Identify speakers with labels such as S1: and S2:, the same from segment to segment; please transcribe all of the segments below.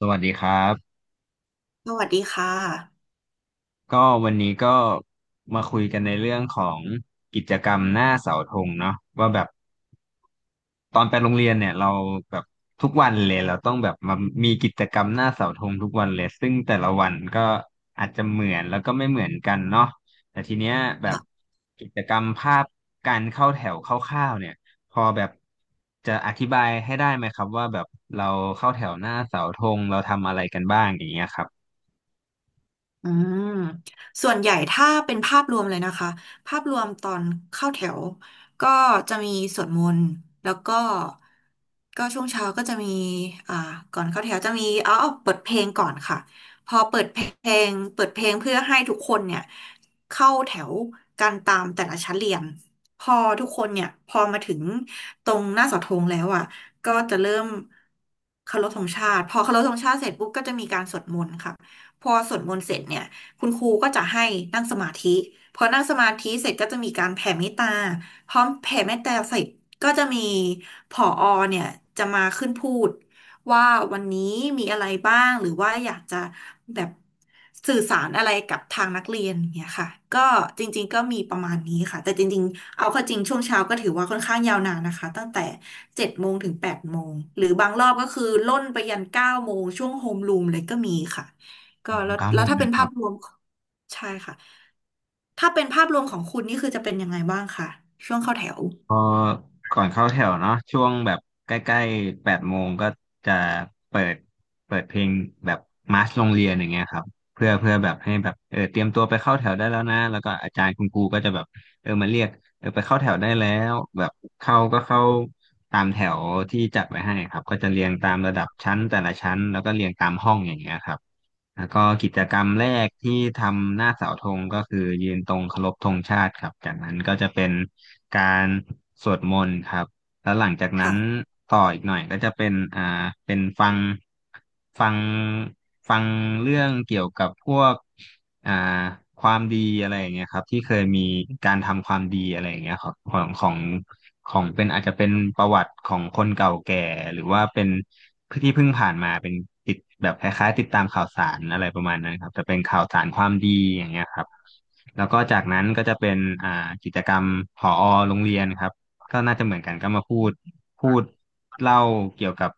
S1: สวัสดีครับ
S2: สวัสดีค่ะ
S1: ก็วันนี้ก็มาคุยกันในเรื่องของกิจกรรมหน้าเสาธงเนาะว่าแบบตอนไปโรงเรียนเนี่ยเราแบบทุกวันเลยเราต้องแบบมามีกิจกรรมหน้าเสาธงทุกวันเลยซึ่งแต่ละวันก็อาจจะเหมือนแล้วก็ไม่เหมือนกันเนาะแต่ทีเนี้ยแบบกิจกรรมภาพการเข้าแถวคร่าวๆเนี่ยพอแบบจะอธิบายให้ได้ไหมครับว่าแบบเราเข้าแถวหน้าเสาธงเราทำอะไรกันบ้างอย่างเงี้ยครับ
S2: อืมส่วนใหญ่ถ้าเป็นภาพรวมเลยนะคะภาพรวมตอนเข้าแถวก็จะมีสวดมนต์แล้วก็ก็ช่วงเช้าก็จะมีอ่าก่อนเข้าแถวจะมีเอาเปิดเพลงก่อนค่ะพอเปิดเพลงเพื่อให้ทุกคนเนี่ยเข้าแถวกันตามแต่ละชั้นเรียนพอทุกคนเนี่ยพอมาถึงตรงหน้าเสาธงแล้วอ่ะก็จะเริ่มเคารพธงชาติพอเคารพธงชาติเสร็จปุ๊บก็จะมีการสวดมนต์ค่ะ พอสวดมนต์เสร็จเนี่ยคุณครูก็จะให้นั่งสมาธิพอนั่งสมาธิเสร็จก็จะมีการแผ่เมตตาพร้อมแผ่เมตตาเสร็จก็จะมีผอเนี่ยจะมาขึ้นพูดว่าวันนี้มีอะไรบ้างหรือว่าอยากจะแบบสื่อสารอะไรกับทางนักเรียนอย่างเนี่ยค่ะก็จริงๆก็มีประมาณนี้ค่ะแต่จริงๆเอาเข้าจริงช่วงเช้าก็ถือว่าค่อนข้างยาวนานนะคะตั้งแต่7 โมงถึง8 โมงหรือบางรอบก็คือล่นไปยัน9 โมงช่วงโฮมรูมเลยก็มีค่ะ ก็
S1: อืม
S2: แล้ว
S1: เก้า
S2: แล้
S1: โม
S2: ว
S1: ง
S2: ถ้าเป็น
S1: นะค
S2: ภา
S1: รั
S2: พ
S1: บ
S2: รวมใช่ค่ะถ้าเป็นภาพรวมของคุณนี่คือจะเป็นยังไงบ้างคะช่วงเข้าแถว
S1: พอก่อนเข้าแถวเนาะช่วงแบบใกล้ๆ8 โมงก็จะเปิดเปิดเพลงแบบมาร์ชโรงเรียนอย่างเงี้ยครับเพื่อแบบให้แบบเตรียมตัวไปเข้าแถวได้แล้วนะแล้วก็อาจารย์คุณครูก็จะแบบมาเรียกไปเข้าแถวได้แล้วแบบเข้าก็เข้าตามแถวที่จัดไว้ให้ครับก็จะเรียงตามระดับชั้นแต่ละชั้นแล้วก็เรียงตามห้องอย่างเงี้ยครับ แล้วก็กิจกรรมแรกที่ทำหน้าเสาธงก็คือยืนตรงเคารพธงชาติครับจากนั้นก็จะเป็นการสวดมนต์ครับ แล้วหลังจากนั้
S2: ค่ะ
S1: นต่ออีกหน่อยก็จะเป็นเป็นฟังฟังเรื่องเกี่ยวกับพวกอ่าความดีอะไรอย่างเงี้ยครับที่เคยมีการทำความดีอะไรอย่างเงี้ยครับของเป็นอาจจะเป็นประวัติของคนเก่าแก่หรือว่าเป็นที่เพิ่งผ่านมาเป็นติดแบบคล้ายๆติดตามข่าวสารอะไรประมาณนั้นครับจะเป็นข่าวสารความดีอย่างเงี้ยครับแล้วก็จากนั้นก็จะเป็นอ่ากิจกรรมผอโรงเรียนครับ ก็น่าจะเหมือนกันก็มาพูดพูดเล่าเกี่ยวกับ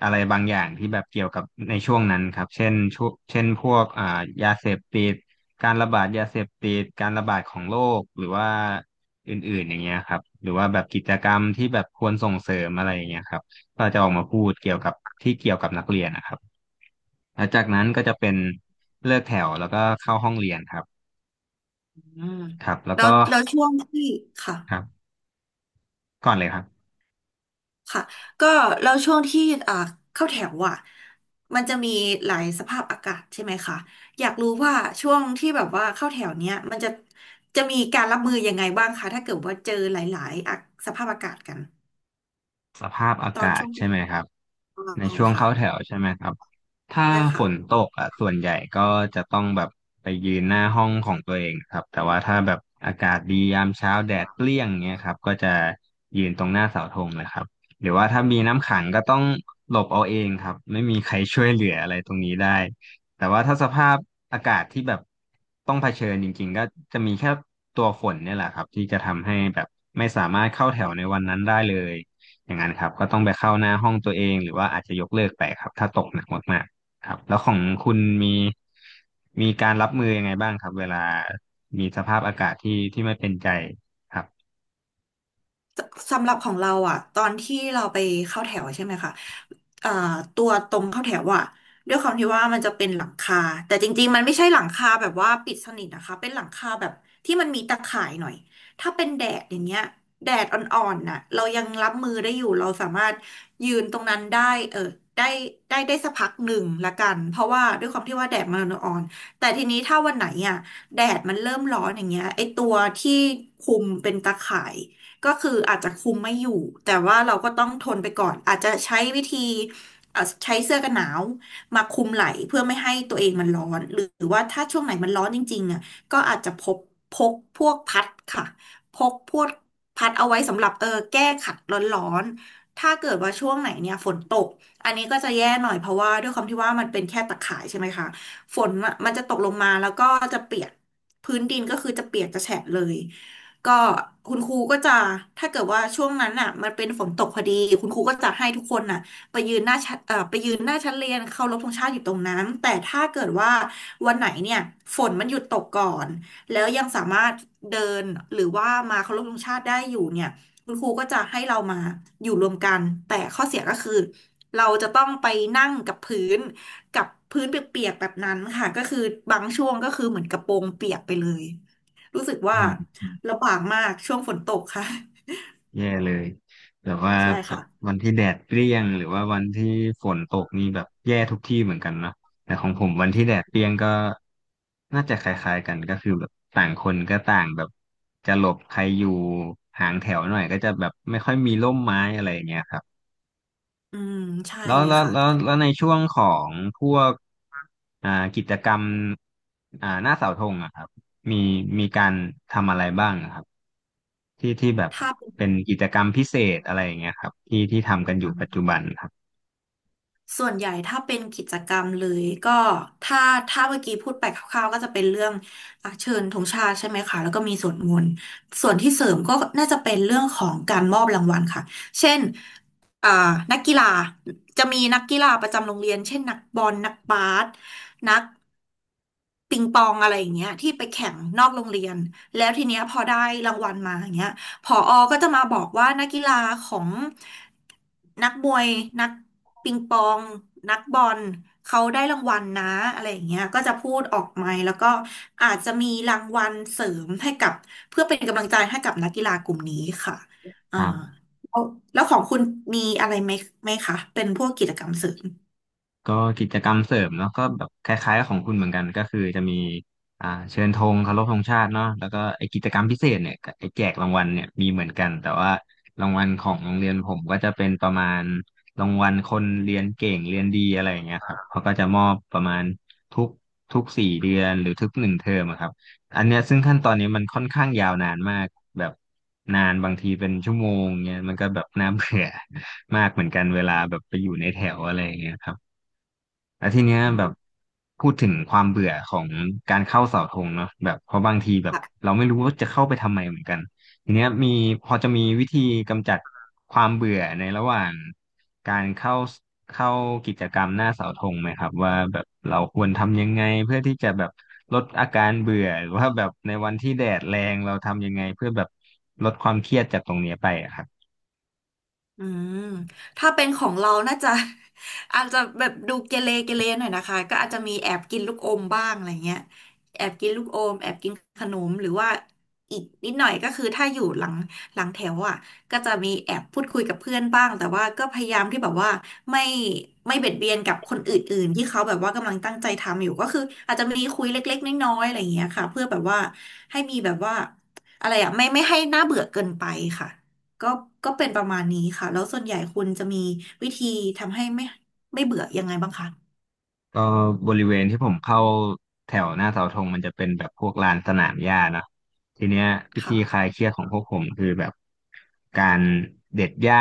S1: อะไรบางอย่างที่แบบเกี่ยวกับในช่วงนั้นครับเช่นช่วงเช่นพวกยาเสพติดการระบาดยาเสพติดการระบาดของโรคหรือว่าอื่นๆอย่างเงี้ยครับหรือว่าแบบกิจกรรมที่แบบควรส่งเสริมอะไรอย่างเงี้ยครับก็จะออกมาพูดเกี่ยวกับที่เกี่ยวกับนักเรียนนะครับหลังจากนั้นก็จะเป็นเลิกแถวแล้วก็เข้าห้องเรียนครับ
S2: อืม
S1: ครับแล้ว
S2: แล้
S1: ก็
S2: วแล้วช่วงที่ค่ะ
S1: ครับก่อนเลยครับ
S2: ค่ะก็แล้วช่วงที่อ่าเข้าแถวอ่ะมันจะมีหลายสภาพอากาศใช่ไหมคะอยากรู้ว่าช่วงที่แบบว่าเข้าแถวเนี้ยมันจะมีการรับมือยังไงบ้างคะถ้าเกิดว่าเจอหลายๆอะสภาพอากาศกัน
S1: สภาพอา
S2: ตอน
S1: กาศ
S2: ช่วง
S1: ใช่ไหมครับ
S2: ป
S1: ใน
S2: ลาย
S1: ช่วง
S2: ค่ะ
S1: เข้าแถวใช่ไหมครับถ้า
S2: ใช่
S1: ฝ
S2: ค่ะ
S1: นตกอ่ะส่วนใหญ่ก็จะต้องแบบไปยืนหน้าห้องของตัวเองครับแต่ว่าถ้าแบบอากาศดียามเช้าแดดเปรี้ยงเงี้ยครับก็จะยืนตรงหน้าเสาธงเลยครับหรือว่าถ้ามีน้ำขังก็ต้องหลบเอาเองครับไม่มีใครช่วยเหลืออะไรตรงนี้ได้แต่ว่าถ้าสภาพอากาศที่แบบต้องเผชิญจริงๆก็จะมีแค่ตัวฝนเนี่ยแหละครับที่จะทำให้แบบไม่สามารถเข้าแถวในวันนั้นได้เลย อย่างนั้นครับก็ต้องไปเข้าหน้าห้องตัวเองหรือว่าอาจจะยกเลิกไปครับถ้าตกหนักมากๆครับแล้วของคุณมีการรับมือยังไงบ้างครับเวลามีสภาพอากาศที่ไม่เป็นใจครับ
S2: สำหรับของเราอ่ะตอนที่เราไปเข้าแถวใช่ไหมคะเอ่อตัวตรงเข้าแถวอ่ะด้วยความที่ว่ามันจะเป็นหลังคาแต่จริงๆมันไม่ใช่หลังคาแบบว่าปิดสนิทนะคะเป็นหลังคาแบบที่มันมีตะข่ายหน่อยถ้าเป็นแดดอย่างเงี้ยแดดอ่อนๆน่ะเรายังรับมือได้อยู่เราสามารถยืนตรงนั้นได้เออได้ได้สักพักหนึ่งละกันเพราะว่าด้วยความที่ว่าแดดมันอ่อนๆแต่ทีนี้ถ้าวันไหนอ่ะแดดมันเริ่มร้อนอย่างเงี้ยไอตัวที่คุมเป็นตะข่าย ก็คืออาจจะคุมไม่อยู่แต่ว่าเราก็ต้องทนไปก่อนอาจจะใช้วิธีใช้เสื้อกันหนาวมาคุมไหล่เพื่อไม่ให้ตัวเองมันร้อนหรือว่าถ้าช่วงไหนมันร้อนจริงๆอ่ะก็อาจจะพกพวกพัดค่ะพกพวกพัดเอาไว้สำหรับแก้ขัดร้อนๆถ้าเกิดว่าช่วงไหนเนี่ยฝนตกอันนี้ก็จะแย่หน่อยเพราะว่าด้วยความที่ว่ามันเป็นแค่ตะข่ายใช่ไหมคะฝนมันจะตกลงมาแล้วก็จะเปียกพื้นดินก็คือจะเปียกจะแฉะเลย ก็คุณครูก็จะถ้าเกิดว่าช่วงนั้นน่ะมันเป็นฝนตกพอดีคุณครูก็จะให้ทุกคนน่ะไปยืนหน้าชั้นไปยืนหน้าชั้นเรียนเคารพธงชาติอยู่ตรงนั้นแต่ถ้าเกิดว่าวันไหนเนี่ยฝนมันหยุดตกก่อนแล้วยังสามารถเดินหรือว่ามาเคารพธงชาติได้อยู่เนี่ยคุณครูก็จะให้เรามาอยู่รวมกันแต่ข้อเสียก็คือเราจะต้องไปนั่งกับพื้นกับพื้นเปียกๆแบบนั้นค่ะก็คือบางช่วงก็คือเหมือนกระโปรงเปียกไปเลย รู้สึก
S1: อื
S2: ว่า
S1: ม
S2: ลำบากมากช่วงฝนตกค่ะ
S1: แย่เลยแบบว่า
S2: ใช่
S1: แบ
S2: ค่ะ
S1: บวันที่แดดเปรี้ยงหรือว่าวันที่ฝนตกนี่แบบแย่ทุกที่เหมือนกันเนาะแต่ของผมวันที่แดดเปรี้ยงก็น่าจะคล้ายๆกันก็คือแบบต่างคนก็ต่างแบบจะหลบใครอยู่ห่างแถวหน่อยก็จะแบบไม่ค่อยมีร่มไม้อะไรอย่างเงี้ยครับ
S2: อืมใช่
S1: แล้ว
S2: เลย
S1: แล้ว
S2: ค่ะ
S1: แล้วแล้วในช่วงของพวกอ่ากิจกรรมหน้าเสาธงอะครับมีมีการทำอะไรบ้างอะครับที่แบบ
S2: ถ้าเป็น
S1: เป็นกิจกรรมพิเศษอะไรอย่างเงี้ยครับที่ทำกันอยู่ปัจจุบันครั
S2: ส่วนใหญ่ถ้าเป็นกิจกรรมเลยก็ถ้าถ้าเมื่อกี้พูดไปคร่าวๆก็จะเป็นเรื่องอ่ะเชิญธงชาติใช่ไหมคะแล้วก็มีสวดมนต์ส่วนที่เสริมก็น่าจะเป็นเรื่องของการมอบรางวัลค่ะเช่นอ่านักกีฬาจะมีนักกีฬาประจำโรงเรียนเช่นนักบอลนักบาสนักปิงปองอะไรอย่างเงี้ยที่ไปแข่งนอกโรงเรียนแล้วทีเนี้ยพอได้รางวัลมาอย่างเงี้ย ผอก็จะมาบอกว่านักกีฬาของนักมวยนักปิงปองนักบอลเขาได้รางวัลนะอะไรอย่างเงี้ยก็จะพูดออกไมค์แล้วก็อาจจะมีรางวัลเสริมให้กับเพื่อเป็นกำลังใจให้กับนักกีฬากลุ่มนี้ค่ะอ่า
S1: บ
S2: แล้วแล้วของคุณมีอะไรไหมคะเป็นพวกกิจกรรมเสริม
S1: ก็กิจกรรมเสริมเนาะก็แบบคล้ายๆกับของคุณเหมือนกันก็คือจะมีเชิญธงเคารพธงชาติเนาะแล้วก็ไอกิจกรรมพิเศษเนี่ยกับไอแจกรางวัลเนี่ยมีเหมือนกันแต่ว่ารางวัลของโรงเรียนผมก็จะเป็นประมาณรางวัลคนเรียนเก่งเรียนดีอะไรอย่างเงี้ยครับเขาก็จะมอบประมาณทุกทุก4 เดือนหรือทุก1 เทอมอะครับอันเนี้ยซึ่งขั้นตอนนี้มันค่อนข้างยาวนานมากแบบนานบางทีเป็นชั่วโมงเงี้ยมันก็แบบน่าเบื่อ มากเหมือนกันเวลาแบบไปอยู่ในแถวอะไรอย่างเงี้ยครับ แล้วทีเนี้ยแบบพูดถึงความเบื่อของการเข้าเสาธงเนาะแบบเพราะบางทีแบบเราไม่รู้ว่าจะเข้าไปทำไมเหมือนกันทีเนี้ยมีพอจะมีวิธีกำจัดความเบื่อในระหว่างการเข้ากิจกรรมหน้าเสาธงไหมครับว่าแบบเราควรทำยังไงเพื่อที่จะแบบลดอาการเบื่อหรือว่าแบบในวันที่แดดแรงเราทำยังไงเพื่อแบบลดความเครียดจากตรงเนี้ยไปอะครับ
S2: อืมถ้าเป็นของเราน่าจะ อาจจะแบบดูเกเรหน่อยนะคะก็อาจจะมีแอบกินลูกอมบ้างอะไรเงี้ยแอบกินลูกอม แอบกินขนมหรือว่าอีกนิดหน่อย ก็คือถ้าอยู่หลังแถวอ่ะก็จะมีแอบพูดคุยกับเพื่อนบ้าง แต่ว่าก็พยายามที่แบบว่าไม่ไม่เบียดเบียนกับคนอื่นๆที่เขาแบบว่ากำลังตั้งใจทำอยู่ ก็คืออาจจะมีคุยเล็กๆน้อยๆอะไรเงี้ยค่ะเพื่อแบบว่าให้มีแบบว่าอะไรอ่ะไม่ให้น่าเบื่อเกินไปค่ะ ก็ก็เป็นประมาณนี้ค่ะแล้วส่วนใหญ่คุณจะมีวิธีทำให้ไม่เบื่อยังไงบ้างคะ
S1: ก็บริเวณที่ผมเข้าแถวหน้าเสาธงมันจะเป็นแบบพวกลานสนามหญ้าเนาะทีเนี้ยวิธีค
S2: ค่ะ
S1: ลายเครียดของพวกผมคือแบบการเด็ดหญ้า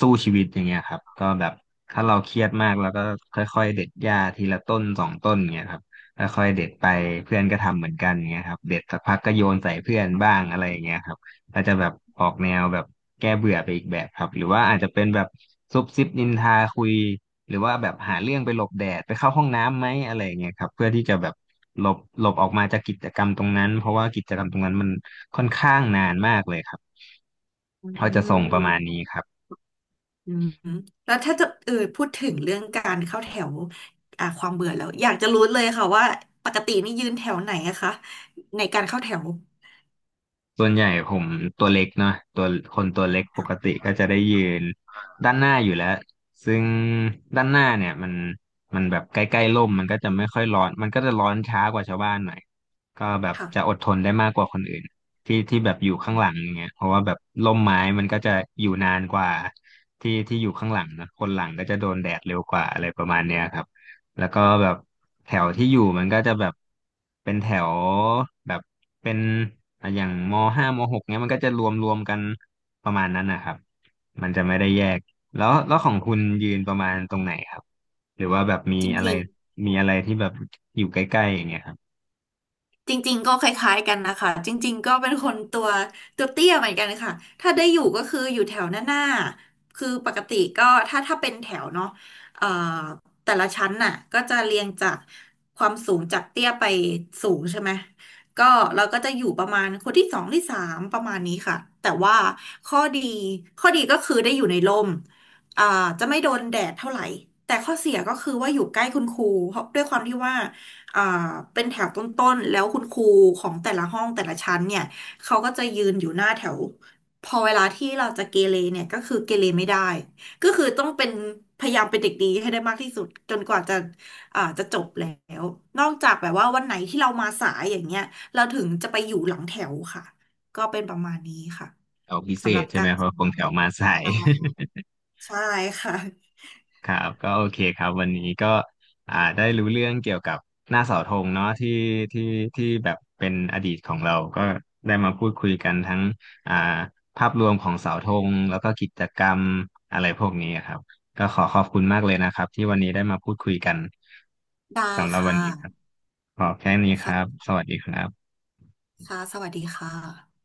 S1: สู้ชีวิตอย่างเงี้ยครับก็แบบถ้าเราเครียดมากแล้วก็ค่อยๆเด็ดหญ้าทีละต้นสองต้นเงี้ยครับค่อยๆเด็ดไปเพื่อนก็ทำเหมือนกันเงี้ยครับเด็ดสักพักก็โยนใส่เพื่อนบ้างอะไรอย่างเงี้ยครับ อาจจะแบบออกแนวแบบแก้เบื่อไปอีกแบบครับหรือว่าอาจจะเป็นแบบซุบซิบนินทาคุยหรือว่าแบบหาเรื่องไปหลบแดดไปเข้าห้องน้ำไหมอะไรอย่างเงี้ยครับเพื่อที่จะแบบหลบออกมาจากกิจกรรมตรงนั้นเพราะว่ากิจกรรมตรงนั้นมันค่อนข้างนานมากเลยครับ
S2: อื
S1: เขาจะส่งประมาณ
S2: ม
S1: นี้ครับ
S2: อืมแล้วถ้าจะพูดถึงเรื่องการเข้าแถวความเบื่อแล้วอยากจะรู้เลยค่ะว่าปกตินี่ยืนแถวไหนอะคะในการเข้าแถว
S1: ส่วนใหญ่ผมตัวเล็กเนาะตัวคนตัวเล็กปก
S2: ค่ะ
S1: ติก็จะได้ยืนด้านหน้าอยู่แล้วซึ่งด้านหน้าเนี่ยมันแบบใกล้ๆร่มมันก็จะไม่ค่อยร้อนมันก็จะร้อนช้ากว่าชาวบ้านหน่อยก็แบบจะอ
S2: ค่ะ
S1: ดทนได้มากกว่าคนอื่นที่ที่แบบอยู่ข้างหลังอย่างเงี้ยเพราะว่าแบบร่มไม้มันก็จะอยู่นานกว่าที่ที่อยู่ข้างหลังนะคนหลังก็จะโดนแดดเร็วกว่าอะไรประมาณเนี้ยครับ แล้วก็แบบแถวที่อยู่มันก็จะแบบเป็นแถวแบบเป็นอ่ะอย่างมห้ามหกเนี้ยมันก็จะรวมกันประมาณนั้นนะครับมันจะไม่ได้แยกแล้วของคุณยืนประมาณตรงไหนครับหรือว่าแบบมี
S2: จ
S1: อะไร
S2: ริงๆ
S1: มีอะไรที่แบบอยู่ใกล้ๆอย่างเงี้ยครับ
S2: จริงๆก็คล้ายๆกันนะคะจริงๆก็เป็นคนตัวเตี้ยเหมือนกันค่ะถ้าได้อยู่ก็คืออยู่แถวหน้าๆคือปกติก็ถ้าเป็นแถวเนาะเอ่อแต่ละชั้นน่ะก็จะเรียงจากความสูงจากเตี้ยไปสูงใช่ไหมก็เราก็จะอยู่ประมาณคนที่สองที่สามประมาณนี้ค่ะแต่ว่าข้อดีข้อดีก็คือได้อยู่ในร่มอ่าจะไม่โดนแดดเท่าไหร่แต่ข้อเสียก็คือว่าอยู่ใกล้คุณครูเพราะด้วยความที่ว่า อ่าเป็นแถวต้นๆ แล้วคุณครูของแต่ละห้องแต่ละชั้นเนี่ยเขาก็จะยืนอยู่หน้าแถวพอเวลาที่เราจะเกเรเนี่ยก็คือเกเรไม่ได้ก็คือต้องเป็นพยายามเป็นเด็กดีให้ได้มากที่สุดจนกว่าจะจะจบแล้วนอกจากแบบว่าวันไหนที่เรามาสายอย่างเงี้ยเราถึงจะไปอยู่หลังแถวค่ะก็เป็นประมาณนี้ค่ะ
S1: แถวพิเศ
S2: สำหรั
S1: ษ
S2: บ
S1: ใช่
S2: กา
S1: ไหม
S2: ร
S1: เพ
S2: ส
S1: ราะ
S2: อ
S1: คง
S2: น
S1: แถวมาสาย
S2: ใช่ค่ะ
S1: ครับก็โอเคครับวันนี้ก็ได้รู้เรื่องเกี่ยวกับหน้าเสาธงเนาะที่ที่ที่แบบเป็นอดีตของเราก็ได้มาพูดคุยกันทั้งอ่าภาพรวมของเสาธงแล้วก็กิจกรรมอะไรพวกนี้ครับก็ขอขอบคุณมากเลยนะครับที่วันนี้ได้มาพูดคุยกัน
S2: ได้
S1: สำหรับ
S2: ค่
S1: วันนี้ครับ
S2: ะ
S1: ขอแค่นี้ครับ
S2: ค่ะ
S1: สวัสดีครับ
S2: ค่ะสวัสดีค่ะ